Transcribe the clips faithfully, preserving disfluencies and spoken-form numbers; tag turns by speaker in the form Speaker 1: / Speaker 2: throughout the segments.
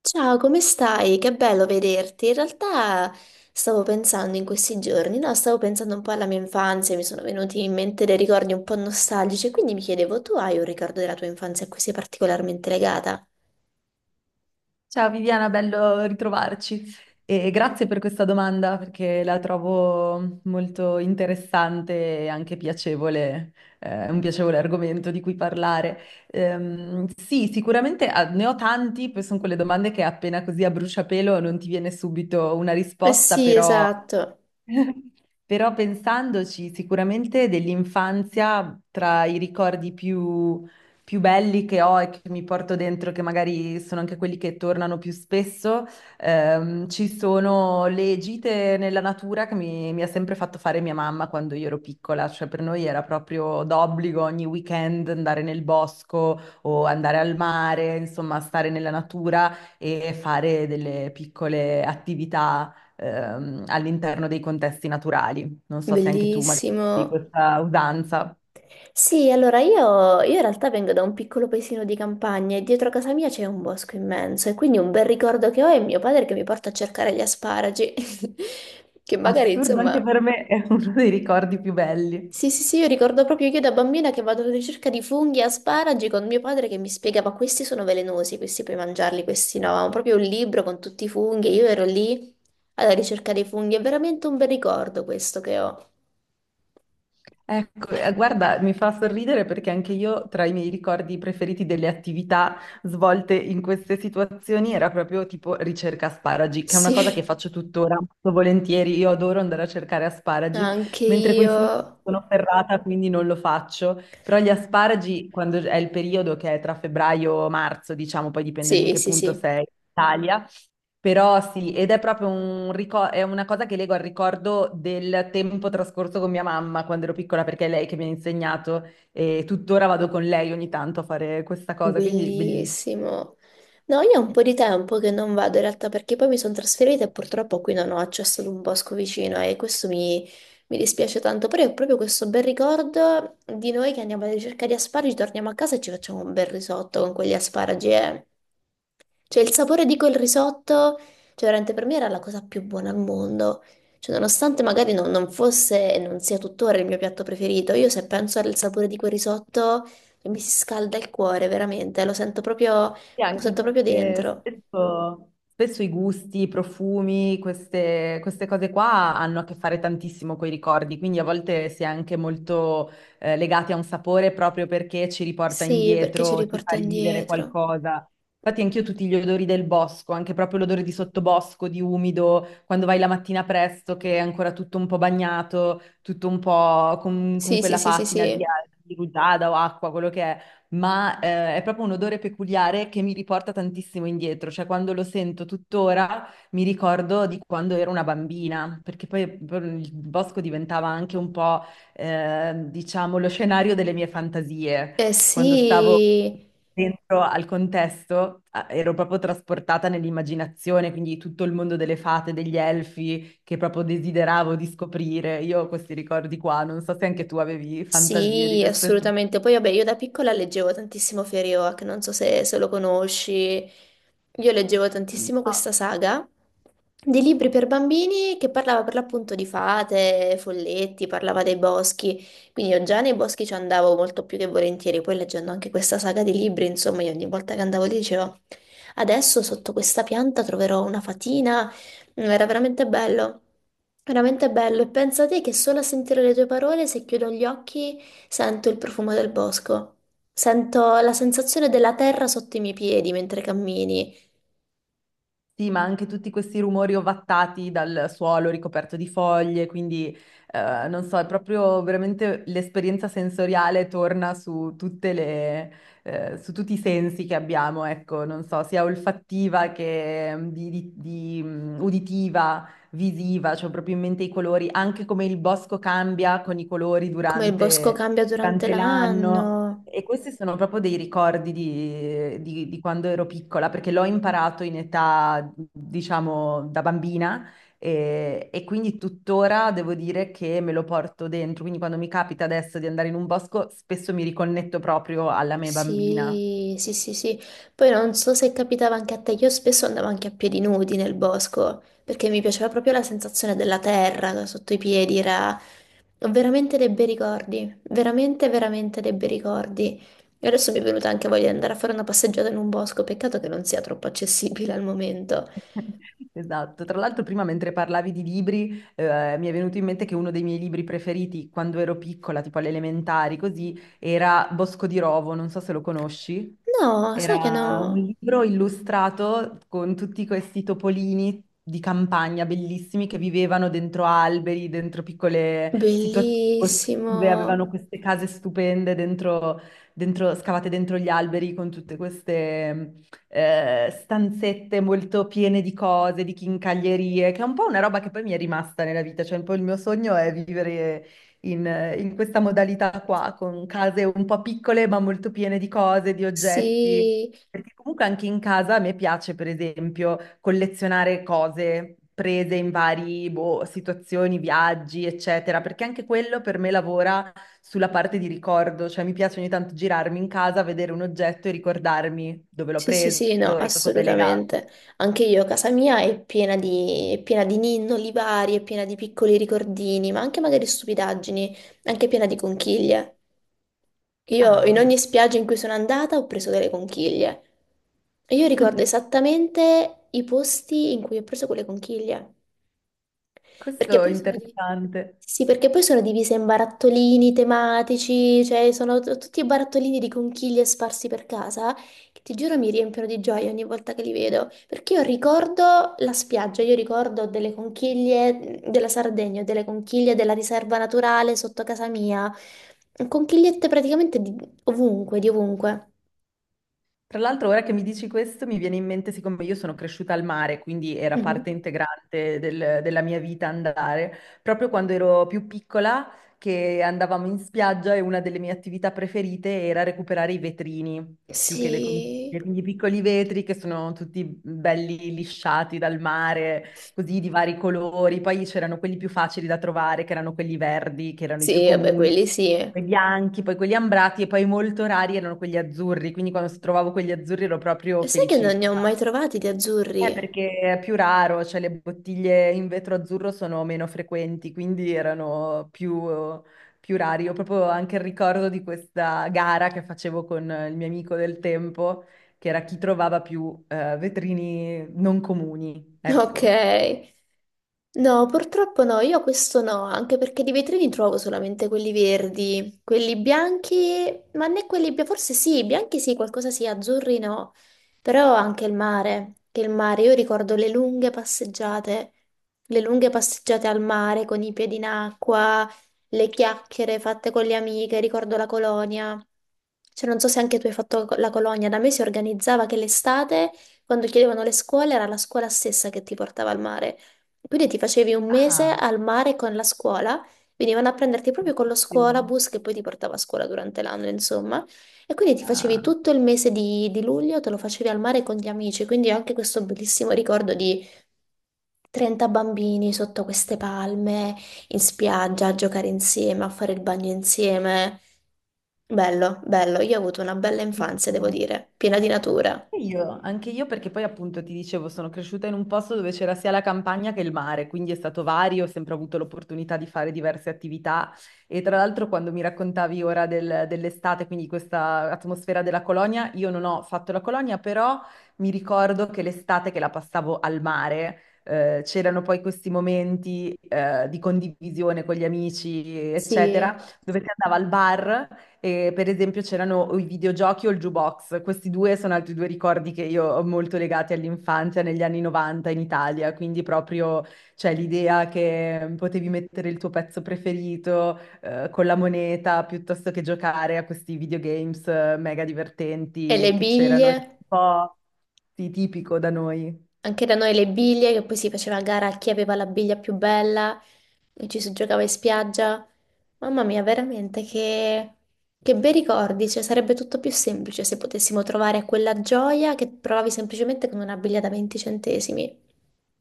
Speaker 1: Ciao, come stai? Che bello vederti. In realtà stavo pensando in questi giorni, no, stavo pensando un po' alla mia infanzia, mi sono venuti in mente dei ricordi un po' nostalgici, quindi mi chiedevo, tu hai un ricordo della tua infanzia a cui sei particolarmente legata?
Speaker 2: Ciao Viviana, bello ritrovarci e grazie per questa domanda perché la trovo molto interessante e anche piacevole, eh, un piacevole argomento di cui parlare. Ehm, sì, sicuramente ah, ne ho tanti, poi sono quelle domande che appena così a bruciapelo non ti viene subito una
Speaker 1: Eh
Speaker 2: risposta,
Speaker 1: sì,
Speaker 2: però
Speaker 1: esatto.
Speaker 2: però pensandoci, sicuramente dell'infanzia, tra i ricordi più, più belli che ho e che mi porto dentro, che magari sono anche quelli che tornano più spesso, ehm, ci sono le gite nella natura che mi, mi ha sempre fatto fare mia mamma quando io ero piccola. Cioè per noi era proprio d'obbligo ogni weekend andare nel bosco o andare al mare, insomma, stare nella natura e fare delle piccole attività ehm, all'interno dei contesti naturali. Non so se anche tu magari di
Speaker 1: Bellissimo.
Speaker 2: questa usanza.
Speaker 1: Sì, allora io, io in realtà vengo da un piccolo paesino di campagna e dietro casa mia c'è un bosco immenso e quindi un bel ricordo che ho è mio padre che mi porta a cercare gli asparagi, che magari
Speaker 2: Assurdo anche
Speaker 1: insomma
Speaker 2: per me, è uno dei ricordi più belli.
Speaker 1: sì, sì, sì, io ricordo proprio io da bambina che vado alla ricerca di funghi e asparagi con mio padre che mi spiegava questi sono velenosi, questi puoi mangiarli, questi no. Avevamo proprio un libro con tutti i funghi e io ero lì alla ricerca dei funghi. È veramente un bel ricordo questo che ho.
Speaker 2: Ecco, eh, guarda, mi fa sorridere perché anche io tra i miei ricordi preferiti delle attività svolte in queste situazioni era proprio tipo ricerca asparagi, che è una cosa che
Speaker 1: Sì,
Speaker 2: faccio tuttora molto volentieri. Io adoro andare a cercare asparagi,
Speaker 1: anche
Speaker 2: mentre coi funghi
Speaker 1: io.
Speaker 2: sono ferrata, quindi non lo faccio. Però gli asparagi, quando è il periodo che è tra febbraio e marzo, diciamo, poi dipende da in
Speaker 1: Sì,
Speaker 2: che
Speaker 1: sì,
Speaker 2: punto
Speaker 1: sì.
Speaker 2: sei in Italia, però sì, ed è proprio un ricor- è una cosa che leggo al ricordo del tempo trascorso con mia mamma quando ero piccola, perché è lei che mi ha insegnato e tuttora vado con lei ogni tanto a fare questa cosa, quindi bellissimo.
Speaker 1: Bellissimo. No, io ho un po' di tempo che non vado in realtà perché poi mi sono trasferita e purtroppo qui non ho accesso ad un bosco vicino e questo mi, mi dispiace tanto, però è proprio questo bel ricordo di noi che andiamo alla ricerca di asparagi, torniamo a casa e ci facciamo un bel risotto con quegli asparagi. Eh. Cioè, il sapore di quel risotto, cioè, veramente per me era la cosa più buona al mondo. Cioè, nonostante magari non, non fosse e non sia tuttora il mio piatto preferito, io se penso al sapore di quel risotto, cioè, mi si scalda il cuore, veramente, lo sento proprio,
Speaker 2: Sì,
Speaker 1: lo
Speaker 2: anche
Speaker 1: sento proprio
Speaker 2: perché
Speaker 1: dentro.
Speaker 2: spesso, spesso i gusti, i profumi, queste, queste cose qua hanno a che fare tantissimo con i ricordi, quindi a volte si è anche molto eh, legati a un sapore proprio perché ci riporta
Speaker 1: Sì, perché ci
Speaker 2: indietro, ci fa
Speaker 1: riporta
Speaker 2: rivivere
Speaker 1: indietro.
Speaker 2: qualcosa. Infatti anch'io tutti gli odori del bosco, anche proprio l'odore di sottobosco, di umido, quando vai la mattina presto che è ancora tutto un po' bagnato, tutto un po' con, con
Speaker 1: Sì, sì,
Speaker 2: quella
Speaker 1: sì, sì,
Speaker 2: patina di,
Speaker 1: sì.
Speaker 2: di rugiada o acqua, quello che è ma eh, è proprio un odore peculiare che mi riporta tantissimo indietro, cioè quando lo sento tuttora mi ricordo di quando ero una bambina, perché poi il bosco diventava anche un po', eh, diciamo, lo scenario delle mie fantasie.
Speaker 1: Eh
Speaker 2: Quando stavo
Speaker 1: sì.
Speaker 2: dentro al contesto eh, ero proprio trasportata nell'immaginazione, quindi tutto il mondo delle fate, degli elfi, che proprio desideravo di scoprire. Io ho questi ricordi qua, non so se anche tu avevi fantasie di
Speaker 1: Sì,
Speaker 2: questo tipo.
Speaker 1: assolutamente. Poi, vabbè, io da piccola leggevo tantissimo Feriwak, non so se, se lo conosci. Io leggevo
Speaker 2: No.
Speaker 1: tantissimo questa saga di libri per bambini che parlava per l'appunto di fate, folletti, parlava dei boschi. Quindi io già nei boschi ci andavo molto più che volentieri. Poi leggendo anche questa saga di libri, insomma, io ogni volta che andavo lì dicevo, adesso sotto questa pianta troverò una fatina. Mm. Era veramente bello, veramente bello. E pensa te che solo a sentire le tue parole, se chiudo gli occhi, sento il profumo del bosco. Sento la sensazione della terra sotto i miei piedi mentre cammini,
Speaker 2: Sì, ma anche tutti questi rumori ovattati dal suolo ricoperto di foglie, quindi eh, non so, è proprio veramente l'esperienza sensoriale torna su tutte le, eh, su tutti i sensi che abbiamo, ecco, non so, sia olfattiva che mm, di, di- di, mm, uditiva, visiva, cioè proprio in mente i colori, anche come il bosco cambia con i colori
Speaker 1: come il bosco
Speaker 2: durante
Speaker 1: cambia durante
Speaker 2: durante l'anno.
Speaker 1: l'anno.
Speaker 2: E questi sono proprio dei ricordi di, di- di quando ero piccola, perché l'ho imparato in età, diciamo, da bambina e, e quindi tuttora devo dire che me lo porto dentro. Quindi quando mi capita adesso di andare in un bosco, spesso mi riconnetto proprio alla me bambina.
Speaker 1: Sì, sì, sì, sì. Poi non so se capitava anche a te, io spesso andavo anche a piedi nudi nel bosco, perché mi piaceva proprio la sensazione della terra sotto i piedi. Ho veramente dei bei ricordi, veramente, veramente dei bei ricordi. E adesso mi è venuta anche voglia di andare a fare una passeggiata in un bosco, peccato che non sia troppo accessibile al momento.
Speaker 2: Esatto. Tra l'altro, prima mentre parlavi di libri, eh, mi è venuto in mente che uno dei miei libri preferiti quando ero piccola, tipo alle elementari, così, era Bosco di Rovo, non so se lo conosci.
Speaker 1: No, sai che
Speaker 2: Era un
Speaker 1: no?
Speaker 2: libro illustrato con tutti questi topolini di campagna bellissimi che vivevano dentro alberi, dentro piccole situazioni
Speaker 1: Bellissimo.
Speaker 2: boschive, avevano queste case stupende dentro, dentro- scavate dentro gli alberi con tutte queste eh, stanzette molto piene di cose, di chincaglierie, che è un po' una roba che poi mi è rimasta nella vita, cioè un po' il mio sogno è vivere in, eh, in questa modalità qua, con case un po' piccole ma molto piene di cose, di oggetti.
Speaker 1: Sì,
Speaker 2: Perché comunque anche in casa a me piace, per esempio, collezionare cose prese in vari, boh, situazioni, viaggi, eccetera, perché anche quello per me lavora sulla parte di ricordo, cioè mi piace ogni tanto girarmi in casa, vedere un oggetto e ricordarmi dove l'ho
Speaker 1: sì, sì,
Speaker 2: preso
Speaker 1: sì, no,
Speaker 2: e a cosa è legato.
Speaker 1: assolutamente. Anche io, casa mia è piena di, è piena di ninnoli vari, è piena di piccoli ricordini, ma anche magari stupidaggini, anche piena di conchiglie. Io
Speaker 2: Ah,
Speaker 1: in
Speaker 2: vedi.
Speaker 1: ogni spiaggia in cui sono andata ho preso delle conchiglie. E io ricordo esattamente i posti in cui ho preso quelle conchiglie. Perché
Speaker 2: Questo è
Speaker 1: poi sono di...
Speaker 2: interessante.
Speaker 1: Sì, sì, perché poi sono divise in barattolini tematici, cioè sono t- tutti barattolini di conchiglie sparsi per casa, che ti giuro mi riempiono di gioia ogni volta che li vedo, perché io ricordo la spiaggia, io ricordo delle conchiglie mhmm, della Sardegna, delle conchiglie della riserva naturale sotto casa mia, conchigliette praticamente di ovunque, di ovunque.
Speaker 2: Tra l'altro, ora che mi dici questo, mi viene in mente, siccome io sono cresciuta al mare, quindi era
Speaker 1: Mhm.
Speaker 2: parte integrante del- della mia vita andare, proprio quando ero più piccola, che andavamo in spiaggia e una delle mie attività preferite era recuperare i vetrini, più che le
Speaker 1: Sì,
Speaker 2: conchiglie, quindi i piccoli vetri che sono tutti belli lisciati dal mare, così di vari colori. Poi c'erano quelli più facili da trovare, che erano quelli verdi, che erano i più
Speaker 1: sì, vabbè,
Speaker 2: comuni
Speaker 1: quelli sì. E
Speaker 2: poi bianchi, poi quelli ambrati e poi molto rari erano quelli azzurri, quindi quando trovavo quelli azzurri ero proprio
Speaker 1: sai che non ne ho
Speaker 2: felicissima.
Speaker 1: mai trovati di
Speaker 2: Eh,
Speaker 1: azzurri?
Speaker 2: perché è più raro, cioè le bottiglie in vetro azzurro sono meno frequenti, quindi erano più, più rari. Ho proprio anche il ricordo di questa gara che facevo con il mio amico del tempo, che era chi trovava più eh, vetrini non comuni, ecco.
Speaker 1: Ok. No, purtroppo no, io questo no, anche perché di vetrini trovo solamente quelli verdi, quelli bianchi, ma né quelli bia- forse sì, bianchi sì, qualcosa sì, azzurri no, però anche il mare, che il mare, io ricordo le lunghe passeggiate, le lunghe passeggiate al mare con i piedi in acqua, le chiacchiere fatte con le amiche, ricordo la colonia. Cioè, non so se anche tu hai fatto la colonia, da me si organizzava che l'estate quando chiedevano le scuole, era la scuola stessa che ti portava al mare. Quindi ti facevi un mese
Speaker 2: Ah,
Speaker 1: al mare con la scuola, venivano a prenderti proprio con lo
Speaker 2: bellissimo.
Speaker 1: scuolabus che poi ti portava a scuola durante l'anno, insomma. E quindi ti facevi
Speaker 2: Ah,
Speaker 1: tutto il mese di, di luglio, te lo facevi al mare con gli amici. Quindi ho anche questo bellissimo ricordo di trenta bambini sotto queste palme, in spiaggia, a giocare insieme, a fare il bagno insieme. Bello, bello. Io ho avuto una bella infanzia, devo
Speaker 2: bellissimo.
Speaker 1: dire, piena di natura.
Speaker 2: Sì, Io, anche io perché poi appunto ti dicevo, sono cresciuta in un posto dove c'era sia la campagna che il mare, quindi è stato vario, ho sempre avuto l'opportunità di fare diverse attività e tra l'altro quando mi raccontavi ora del- dell'estate, quindi questa atmosfera della colonia, io non ho fatto la colonia, però mi ricordo che l'estate che la passavo al mare, eh, c'erano poi questi momenti, eh, di condivisione con gli amici,
Speaker 1: Sì.
Speaker 2: eccetera dove si andava al bar e, per esempio c'erano o i videogiochi o il jukebox, questi due sono altri due ricordi che io ho molto legati all'infanzia negli anni novanta in Italia, quindi proprio cioè, l'idea che potevi mettere il tuo pezzo preferito eh, con la moneta piuttosto che giocare a questi videogames eh, mega
Speaker 1: E le
Speaker 2: divertenti che c'erano, è
Speaker 1: biglie,
Speaker 2: un po' sì, tipico da noi.
Speaker 1: anche da noi le biglie, che poi si faceva a gara a chi aveva la biglia più bella e ci si giocava in spiaggia. Mamma mia, veramente che, che bei ricordi, cioè sarebbe tutto più semplice se potessimo trovare quella gioia che provavi semplicemente con una biglia da venti centesimi.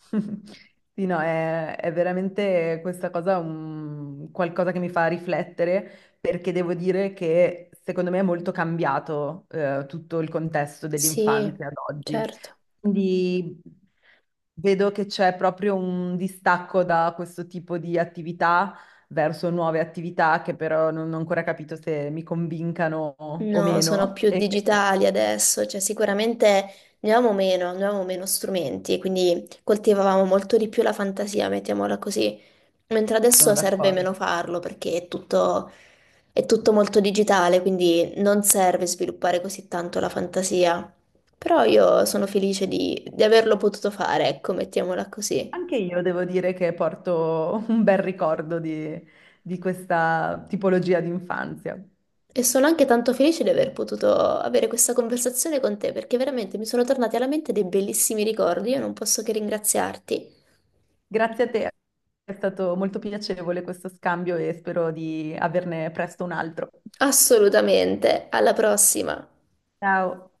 Speaker 2: Sì, no, è, è veramente questa cosa un, qualcosa che mi fa riflettere perché devo dire che secondo me è molto cambiato eh, tutto il contesto
Speaker 1: Sì,
Speaker 2: dell'infanzia ad oggi.
Speaker 1: certo.
Speaker 2: Quindi vedo che c'è proprio un distacco da questo tipo di attività verso nuove attività che però non ho ancora capito se mi convincano o
Speaker 1: No, sono
Speaker 2: meno
Speaker 1: più
Speaker 2: e
Speaker 1: digitali adesso, cioè sicuramente ne avevamo meno, ne avevamo meno strumenti, quindi coltivavamo molto di più la fantasia, mettiamola così. Mentre
Speaker 2: sono
Speaker 1: adesso serve
Speaker 2: d'accordo.
Speaker 1: meno farlo perché è tutto, è tutto molto digitale, quindi non serve sviluppare così tanto la fantasia. Però io sono felice di, di averlo potuto fare, ecco, mettiamola così.
Speaker 2: Anche io devo dire che porto un bel ricordo di, di questa tipologia di infanzia.
Speaker 1: E sono anche tanto felice di aver potuto avere questa conversazione con te, perché veramente mi sono tornati alla mente dei bellissimi ricordi. Io non posso che ringraziarti.
Speaker 2: Grazie a te, è stato molto piacevole questo scambio e spero di averne presto un altro.
Speaker 1: Assolutamente. Alla prossima.
Speaker 2: Ciao.